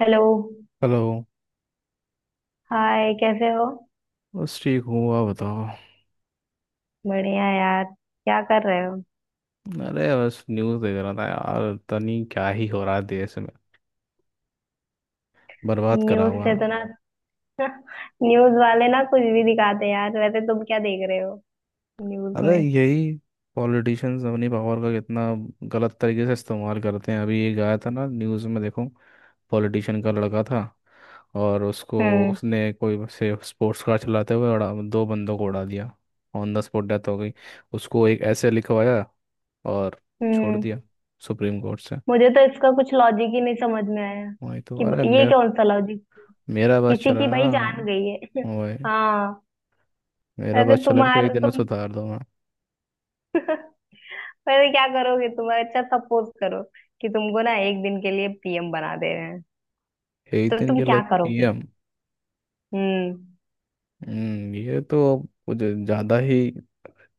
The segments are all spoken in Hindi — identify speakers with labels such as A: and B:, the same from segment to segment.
A: हेलो।
B: हेलो।
A: हाय, कैसे हो?
B: बस ठीक हूँ, आप बताओ।
A: बढ़िया यार, क्या कर रहे हो?
B: अरे बस न्यूज़ देख रहा था यार, पता नहीं क्या ही हो रहा है देश में। बर्बाद करा
A: न्यूज़
B: हुआ
A: से
B: है।
A: तो ना? न्यूज़ वाले ना कुछ भी दिखाते हैं यार। वैसे तुम क्या देख रहे हो न्यूज़
B: अरे
A: में?
B: यही पॉलिटिशियंस अपनी पावर का कितना गलत तरीके से इस्तेमाल करते हैं। अभी एक आया था ना न्यूज़ में, देखो पॉलिटिशियन का लड़का था और उसको
A: हम्म।
B: उसने कोई से स्पोर्ट्स कार चलाते हुए उड़ा दो बंदों को उड़ा दिया। ऑन द स्पॉट डेथ हो गई। उसको एक ऐसे लिखवाया और छोड़
A: हम्म।
B: दिया सुप्रीम कोर्ट से।
A: मुझे तो इसका कुछ लॉजिक ही नहीं समझ में आया
B: वही तो।
A: कि
B: अरे
A: ये
B: मेरे
A: कौन सा लॉजिक,
B: मेरा बस
A: किसी की
B: चला ना।
A: भाई जान गई है।
B: ओए,
A: हाँ।
B: मेरा
A: वैसे
B: बस चला ना, फिर एक
A: तुम्हारा
B: दिन में
A: तुम
B: सुधार दूंगा।
A: वैसे क्या करोगे तुम? अच्छा, सपोज करो कि तुमको ना एक दिन के लिए पीएम बना दे रहे हैं,
B: एक
A: तो
B: दिन
A: तुम
B: के लिए
A: क्या करोगे?
B: पीएम?
A: हम्म।
B: ये तो कुछ ज्यादा ही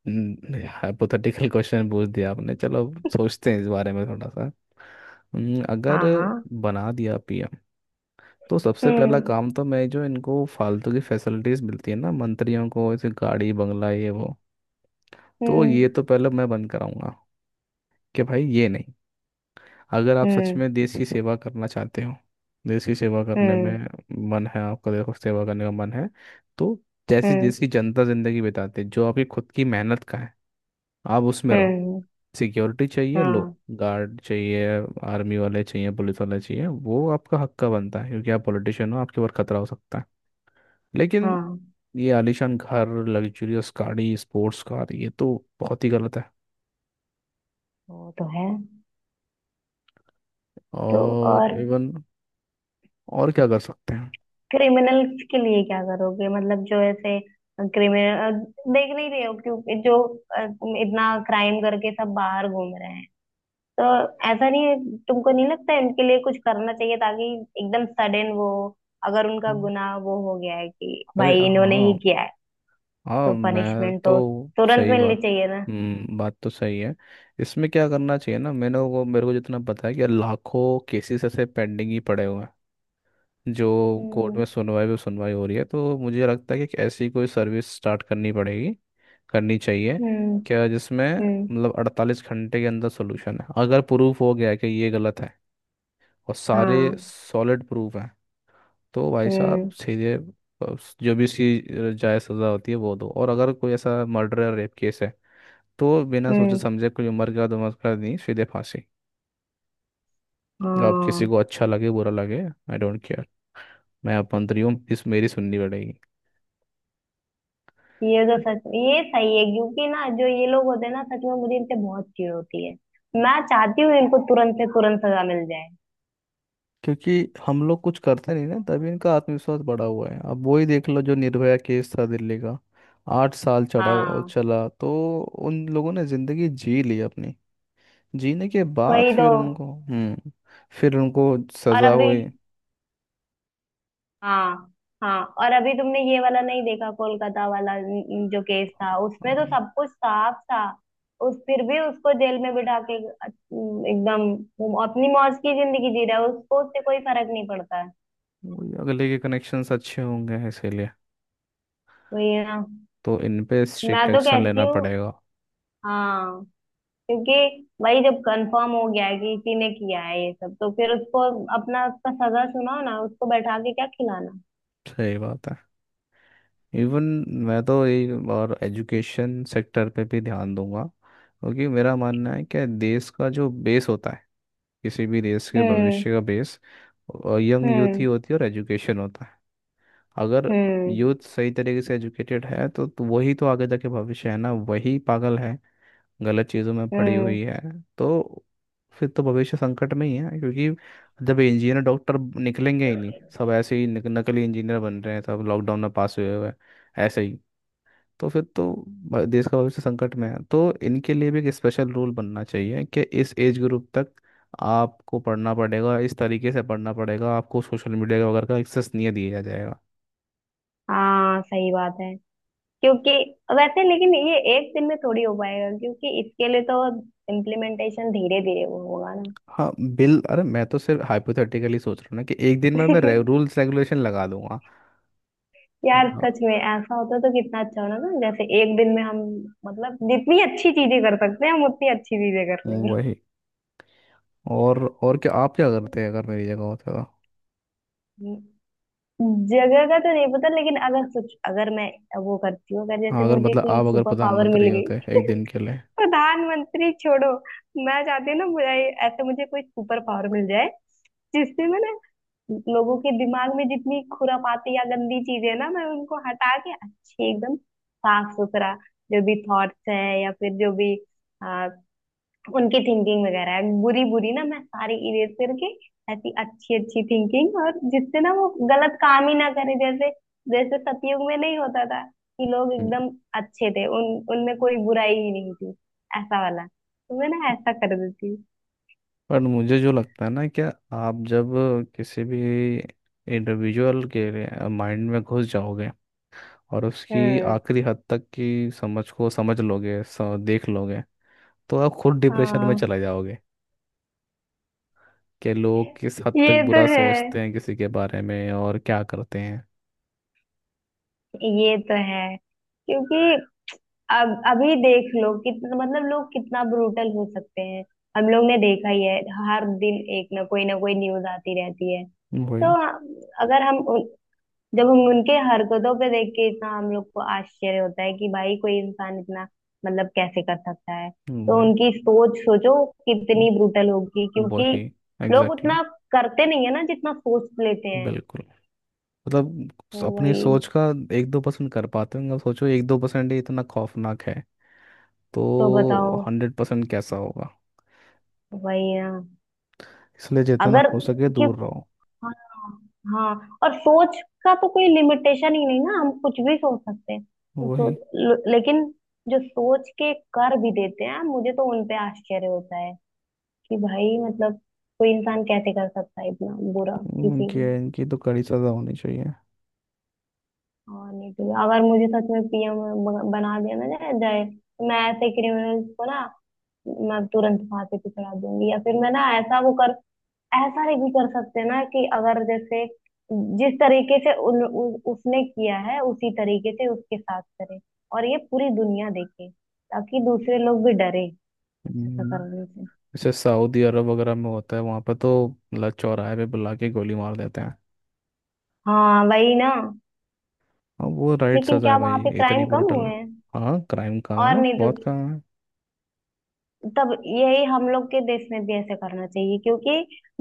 B: हाइपोथेटिकल क्वेश्चन पूछ दिया आपने। चलो सोचते हैं इस बारे में थोड़ा सा। अगर
A: हाँ, हाँ।
B: बना दिया पीएम, तो सबसे पहला
A: हम्म।
B: काम तो मैं जो इनको फालतू की फैसिलिटीज मिलती है ना मंत्रियों को, ऐसे गाड़ी बंगला ये वो, तो
A: हम्म।
B: ये तो पहले मैं बंद कराऊंगा। कि भाई ये नहीं, अगर आप सच
A: हम्म।
B: में देश की सेवा करना चाहते हो, देश की सेवा करने
A: हम्म।
B: में मन है आपका, देखो सेवा करने का मन है तो जैसी
A: हम्म।
B: देश की जनता जिंदगी बिताते जो आपकी खुद की मेहनत का है, आप उसमें रहो।
A: हम्म,
B: सिक्योरिटी चाहिए लो,
A: हाँ,
B: गार्ड चाहिए, आर्मी वाले चाहिए, पुलिस वाले चाहिए, वो आपका हक का बनता है क्योंकि आप पॉलिटिशियन हो, आपके ऊपर खतरा हो सकता है। लेकिन
A: हाँ।
B: ये आलीशान घर, लग्जूरियस गाड़ी, स्पोर्ट्स कार, ये तो बहुत ही गलत है।
A: वो तो है। तो
B: और
A: और
B: इवन, और क्या कर सकते हैं।
A: क्रिमिनल्स के लिए क्या करोगे? मतलब जो ऐसे क्रिमिनल देख नहीं रहे हो, क्योंकि जो अ, इतना क्राइम करके सब बाहर घूम रहे हैं, तो ऐसा नहीं है? तुमको नहीं लगता इनके लिए कुछ करना चाहिए, ताकि एकदम सडन वो, अगर उनका
B: हम्म,
A: गुनाह वो हो गया है कि
B: अरे
A: भाई इन्होंने ही
B: हाँ,
A: किया है,
B: हाँ
A: तो
B: मैं
A: पनिशमेंट तो
B: तो
A: तुरंत
B: सही
A: मिलनी
B: बात।
A: चाहिए ना?
B: हम्म, बात तो सही है। इसमें क्या करना चाहिए ना, मैंने वो, मेरे को जितना पता है कि लाखों केसेस ऐसे पेंडिंग ही पड़े हुए हैं, जो कोर्ट
A: हम्म।
B: में सुनवाई पे सुनवाई हो रही है, तो मुझे लगता है कि ऐसी कोई सर्विस स्टार्ट करनी पड़ेगी, करनी चाहिए,
A: हम्म।
B: क्या जिसमें
A: हम्म।
B: मतलब 48 घंटे के अंदर सोल्यूशन है। अगर प्रूफ हो गया कि ये गलत है और सारे
A: हाँ।
B: सॉलिड प्रूफ हैं, तो भाई साहब
A: हम्म।
B: सीधे जो भी उसकी जायज़ सज़ा होती है वो दो। और अगर कोई ऐसा मर्डर या रेप केस है तो बिना सोचे
A: हम्म।
B: समझे कोई उम्र का नमस्कार नहीं, सीधे फांसी। अब किसी
A: हाँ,
B: को अच्छा लगे बुरा लगे, आई डोंट केयर। मैं अपंतरी हूँ, इस मेरी सुननी पड़ेगी।
A: ये तो सच ये सही है, क्योंकि ना जो ये लोग होते हैं ना, सच में मुझे इनसे बहुत चिढ़ होती है। मैं चाहती हूँ इनको तुरंत से तुरंत सजा मिल जाए।
B: क्योंकि हम लोग कुछ करते नहीं ना, तभी इनका आत्मविश्वास बढ़ा हुआ है। अब वही देख लो, जो निर्भया केस था दिल्ली का, 8 साल
A: हाँ,
B: चला तो उन लोगों ने जिंदगी जी ली अपनी। जीने के बाद
A: वही तो।
B: फिर उनको, फिर उनको
A: और
B: सजा
A: अभी
B: हुई।
A: हाँ, हाँ, और अभी तुमने ये वाला नहीं देखा, कोलकाता वाला, जो केस था उसमें तो
B: हाँ,
A: सब कुछ साफ था। उस फिर भी उसको जेल में बिठा के एकदम, वो अपनी मौज की जिंदगी जी रहा है, उसको उससे कोई फर्क नहीं पड़ता है।
B: वही, अगले के कनेक्शंस अच्छे होंगे इसीलिए।
A: वही है ना।
B: तो इन पे
A: मैं
B: स्ट्रिक्ट
A: तो
B: एक्शन
A: कहती
B: लेना
A: हूँ
B: पड़ेगा।
A: हाँ, क्योंकि भाई जब कंफर्म हो गया है कि इसी ने किया है ये सब, तो फिर उसको अपना उसका सगा सुनाओ ना, उसको बैठा के क्या खिलाना?
B: सही बात है। इवन मैं तो यही, और एजुकेशन सेक्टर पे भी ध्यान दूंगा, क्योंकि मेरा मानना है कि देश का जो बेस होता है, किसी भी देश के
A: हम्म।
B: भविष्य का बेस, यंग यूथ ही
A: हम्म।
B: होती है और एजुकेशन होता है। अगर
A: हम्म।
B: यूथ सही तरीके से एजुकेटेड है तो वही तो आगे जाके भविष्य है ना। वही पागल है, गलत चीज़ों में पड़ी
A: हम्म।
B: हुई है, तो फिर तो भविष्य संकट में ही है। क्योंकि जब इंजीनियर डॉक्टर निकलेंगे ही नहीं, सब ऐसे ही नकली इंजीनियर बन रहे हैं, सब लॉकडाउन में पास हुए हुए हैं, ऐसे ही, तो फिर तो देश का भविष्य संकट में है। तो इनके लिए भी एक स्पेशल रूल बनना चाहिए कि इस एज ग्रुप तक आपको पढ़ना पड़ेगा, इस तरीके से पढ़ना पड़ेगा, आपको सोशल मीडिया वगैरह का एक्सेस नहीं दिया जाएगा।
A: हाँ, सही बात है। क्योंकि वैसे, लेकिन ये एक दिन में थोड़ी हो पाएगा, क्योंकि इसके लिए तो इम्प्लीमेंटेशन धीरे धीरे वो होगा ना।
B: हाँ बिल, अरे मैं तो सिर्फ हाइपोथेटिकली सोच रहा हूँ ना कि एक दिन में मैं रूल्स रेगुलेशन लगा दूंगा। हाँ
A: यार
B: हाँ,
A: सच में ऐसा होता तो कितना अच्छा होना ना, जैसे एक दिन में हम, मतलब जितनी अच्छी चीजें कर सकते हैं हम उतनी अच्छी चीजें कर
B: वही। और क्या, आप क्या करते हैं अगर मेरी जगह होते तो?
A: लेंगे। जगह का तो नहीं पता, लेकिन अगर मैं, वो करती हूँ अगर,
B: हाँ,
A: जैसे
B: अगर
A: मुझे
B: मतलब आप
A: कोई
B: अगर
A: सुपर पावर मिल
B: प्रधानमंत्री
A: गई।
B: होते एक दिन के लिए।
A: प्रधानमंत्री छोड़ो। मैं चाहती हूँ ना मुझे, ऐसे मुझे कोई सुपर पावर मिल जाए जिससे मैं ना लोगों के दिमाग में जितनी खुरापाती या गंदी चीजें है ना, मैं उनको हटा के अच्छे, एकदम साफ सुथरा, जो भी थॉट्स हैं या फिर जो भी उनकी थिंकिंग वगैरह है बुरी बुरी ना, मैं सारी इरेज करके ऐसी अच्छी अच्छी थिंकिंग, और जिससे ना वो गलत काम ही ना करे। जैसे जैसे सतयुग में नहीं होता था कि लोग
B: हम्म,
A: एकदम अच्छे थे, उन उनमें कोई बुराई ही नहीं थी। ऐसा वाला तो मैं ना ऐसा कर देती।
B: पर मुझे जो लगता है ना, क्या आप जब किसी भी इंडिविजुअल के माइंड में घुस जाओगे और उसकी
A: हम्म।
B: आखिरी हद तक की समझ को समझ लोगे, देख लोगे, तो आप खुद डिप्रेशन में
A: हाँ।
B: चले जाओगे। कि लोग किस हद तक
A: ये तो
B: बुरा
A: है।
B: सोचते हैं किसी के बारे में और क्या करते हैं।
A: ये तो है, क्योंकि अब अभी देख लो कितना, मतलब लोग कितना ब्रूटल हो सकते हैं। हम लोग ने देखा ही है। हर दिन एक ना कोई न्यूज आती रहती है।
B: वही।
A: तो हाँ, अगर हम उन- जब हम उनके हरकतों पे देख के इतना हम लोग को आश्चर्य होता है कि भाई कोई इंसान इतना, मतलब कैसे कर सकता है? तो
B: वही।
A: उनकी सोच सोचो
B: वो-
A: कितनी ब्रूटल होगी,
B: वही,
A: क्योंकि लोग
B: एग्जैक्टली exactly,
A: उतना करते नहीं है ना जितना सोच लेते हैं।
B: बिल्कुल। मतलब
A: तो
B: अपनी
A: वही।
B: सोच का 1-2% कर पाते होंगे। अब सोचो 1-2% ही इतना खौफनाक है,
A: तो बताओ,
B: तो 100% कैसा होगा।
A: वही ना।
B: इसलिए जितना
A: अगर,
B: हो सके
A: क्यों,
B: दूर रहो।
A: हाँ, हाँ, और सोच का तो कोई लिमिटेशन ही नहीं ना, हम कुछ भी सोच सकते हैं। तो
B: वही।
A: लेकिन जो सोच के कर भी देते हैं, मुझे तो उनपे आश्चर्य होता है कि भाई मतलब कोई इंसान कैसे कर सकता है इतना बुरा किसी
B: इनकी
A: को?
B: इनकी तो कड़ी सजा होनी चाहिए।
A: और नहीं तो, अगर मुझे सच में पीएम बना दिया ना जाए जाए तो मैं ऐसे क्रिमिनल्स को ना, मैं तुरंत फांसी पे चढ़ा दूंगी, या फिर मैं ना ऐसा, वो, ऐसा नहीं भी कर सकते ना कि अगर जैसे जिस तरीके से उसने किया है उसी तरीके से उसके साथ करें, और ये पूरी दुनिया देखे, ताकि दूसरे लोग भी डरे ऐसा
B: हम्म,
A: करने से।
B: जैसे सऊदी अरब वगैरह में होता है वहाँ पर, तो मतलब चौराहे पे बुला के गोली मार देते हैं।
A: हाँ, वही ना।
B: अब वो राइट
A: लेकिन
B: सजा
A: क्या
B: है भाई,
A: वहां पे
B: इतनी
A: क्राइम कम
B: ब्रूटल।
A: हुए हैं?
B: हाँ, क्राइम काम
A: और
B: है,
A: नहीं तो,
B: बहुत काम है।
A: तब यही हम लोग के देश में भी ऐसे करना चाहिए, क्योंकि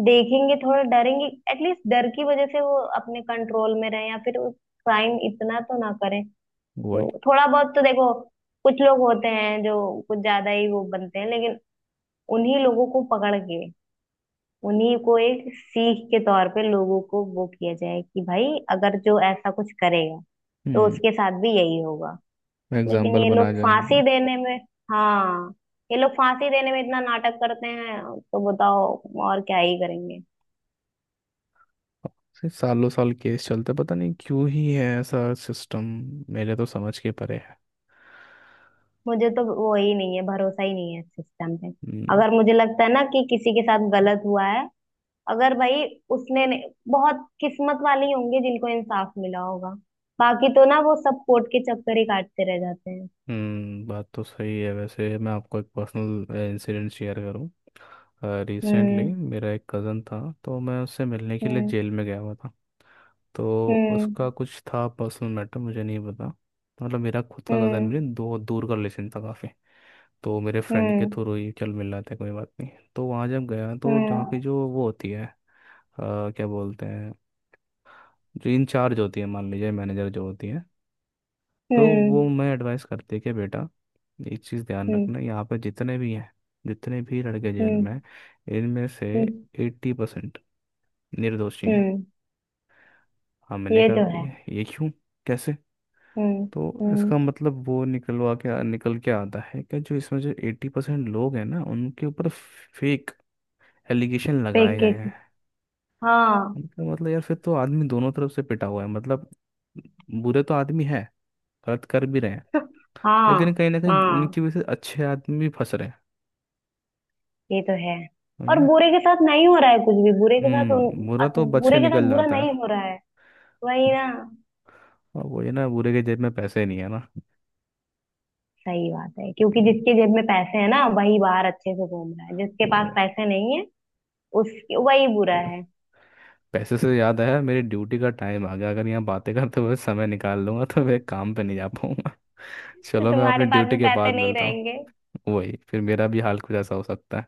A: देखेंगे, थोड़ा डरेंगे, एटलीस्ट डर की वजह से वो अपने कंट्रोल में रहे, या फिर क्राइम इतना तो ना करें।
B: वही।
A: तो थोड़ा बहुत तो देखो, कुछ लोग होते हैं जो कुछ ज्यादा ही वो बनते हैं, लेकिन उन्हीं लोगों को पकड़ के उन्हीं को एक सीख के तौर पे लोगों को वो किया जाए कि भाई अगर जो ऐसा कुछ करेगा तो
B: हम्म,
A: उसके साथ भी यही होगा। लेकिन
B: एग्जाम्पल
A: ये
B: बनाया
A: लोग
B: जाए
A: फांसी
B: उनको।
A: देने में हाँ, ये लोग फांसी देने में इतना नाटक करते हैं, तो बताओ और क्या ही करेंगे?
B: से सालों साल केस चलते हैं, पता नहीं क्यों ही है ऐसा सिस्टम। मेरे तो समझ के परे है।
A: मुझे तो वो ही नहीं है, भरोसा ही नहीं है सिस्टम पे।
B: हम्म।
A: अगर मुझे लगता है ना कि किसी के साथ गलत हुआ है, अगर भाई उसने नहीं- बहुत किस्मत वाले ही होंगे जिनको इंसाफ मिला होगा, बाकी तो ना वो सब कोर्ट के चक्कर ही काटते रह जाते हैं।
B: बात तो सही है। वैसे मैं आपको एक पर्सनल इंसिडेंट शेयर करूं, रिसेंटली
A: हम्म।
B: मेरा एक कज़न था, तो मैं उससे मिलने के लिए
A: हम्म।
B: जेल में गया हुआ था। तो
A: हम्म।
B: उसका कुछ था पर्सनल मैटर, मुझे नहीं पता। मतलब मेरा खुद का कज़न
A: हम्म।
B: भी नहीं, दो दूर का रिलेशन था काफ़ी। तो मेरे फ्रेंड के
A: हम्म।
B: थ्रू ही चल मिल रहा था, कोई बात नहीं। तो वहाँ जब गया तो जहाँ की
A: हम्म।
B: जो वो होती है क्या बोलते हैं, जो इंचार्ज होती है, मान लीजिए मैनेजर जो होती है, तो वो
A: हम्म।
B: मैं एडवाइस करती है कि बेटा, एक चीज़ ध्यान
A: हम्म।
B: रखना, यहाँ पे जितने भी हैं, जितने भी लड़के जेल
A: हम्म।
B: में हैं, इनमें से
A: हम्म।
B: 80% निर्दोषी हैं।
A: हम्म।
B: हाँ, मैंने
A: ये
B: कहा
A: तो है।
B: ये क्यों, कैसे?
A: हम्म।
B: तो
A: हम्म।
B: इसका मतलब वो निकलवा के निकल के आता है कि जो इसमें जो 80% लोग हैं ना, उनके ऊपर फेक एलिगेशन लगाए गए हैं।
A: पैकेट। हाँ।
B: उनका मतलब यार फिर तो आदमी दोनों तरफ से पिटा हुआ है। मतलब बुरे तो आदमी है, गलत कर भी रहे हैं, लेकिन
A: हाँ।
B: कहीं ना कहीं
A: हाँ,
B: उनकी वजह से अच्छे आदमी भी फंस रहे हैं।
A: ये तो है।
B: वही
A: और
B: ना।
A: बुरे के साथ नहीं हो रहा है कुछ भी, बुरे के साथ
B: हम्म, बुरा तो बच के
A: बुरे के साथ
B: निकल
A: बुरा
B: जाता
A: नहीं
B: है।
A: हो रहा है। वही
B: हम्म,
A: ना।
B: और वही ना, बुरे के जेब में पैसे नहीं है ना।
A: सही बात है, क्योंकि
B: हम्म,
A: जिसके जेब में पैसे हैं ना वही बाहर अच्छे से घूम रहा है, जिसके
B: वो
A: पास पैसे नहीं है उस वही बुरा है।
B: है। पैसे से याद आया, मेरी ड्यूटी का टाइम आ गया। अगर यहाँ बातें करते हुए समय निकाल लूंगा तो मैं काम पे नहीं जा पाऊंगा।
A: तो
B: चलो, मैं अपनी
A: तुम्हारे पास भी
B: ड्यूटी के
A: पैसे
B: बाद
A: नहीं
B: मिलता हूँ।
A: रहेंगे।
B: वही, फिर मेरा भी हाल कुछ ऐसा हो सकता है।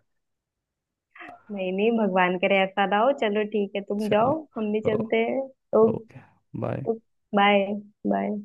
A: नहीं, नहीं, भगवान करे ऐसा ना हो। चलो ठीक है, तुम
B: चलो।
A: जाओ, हम भी
B: ओ।
A: चलते हैं। Okay.
B: Okay. Bye.
A: Bye. Bye.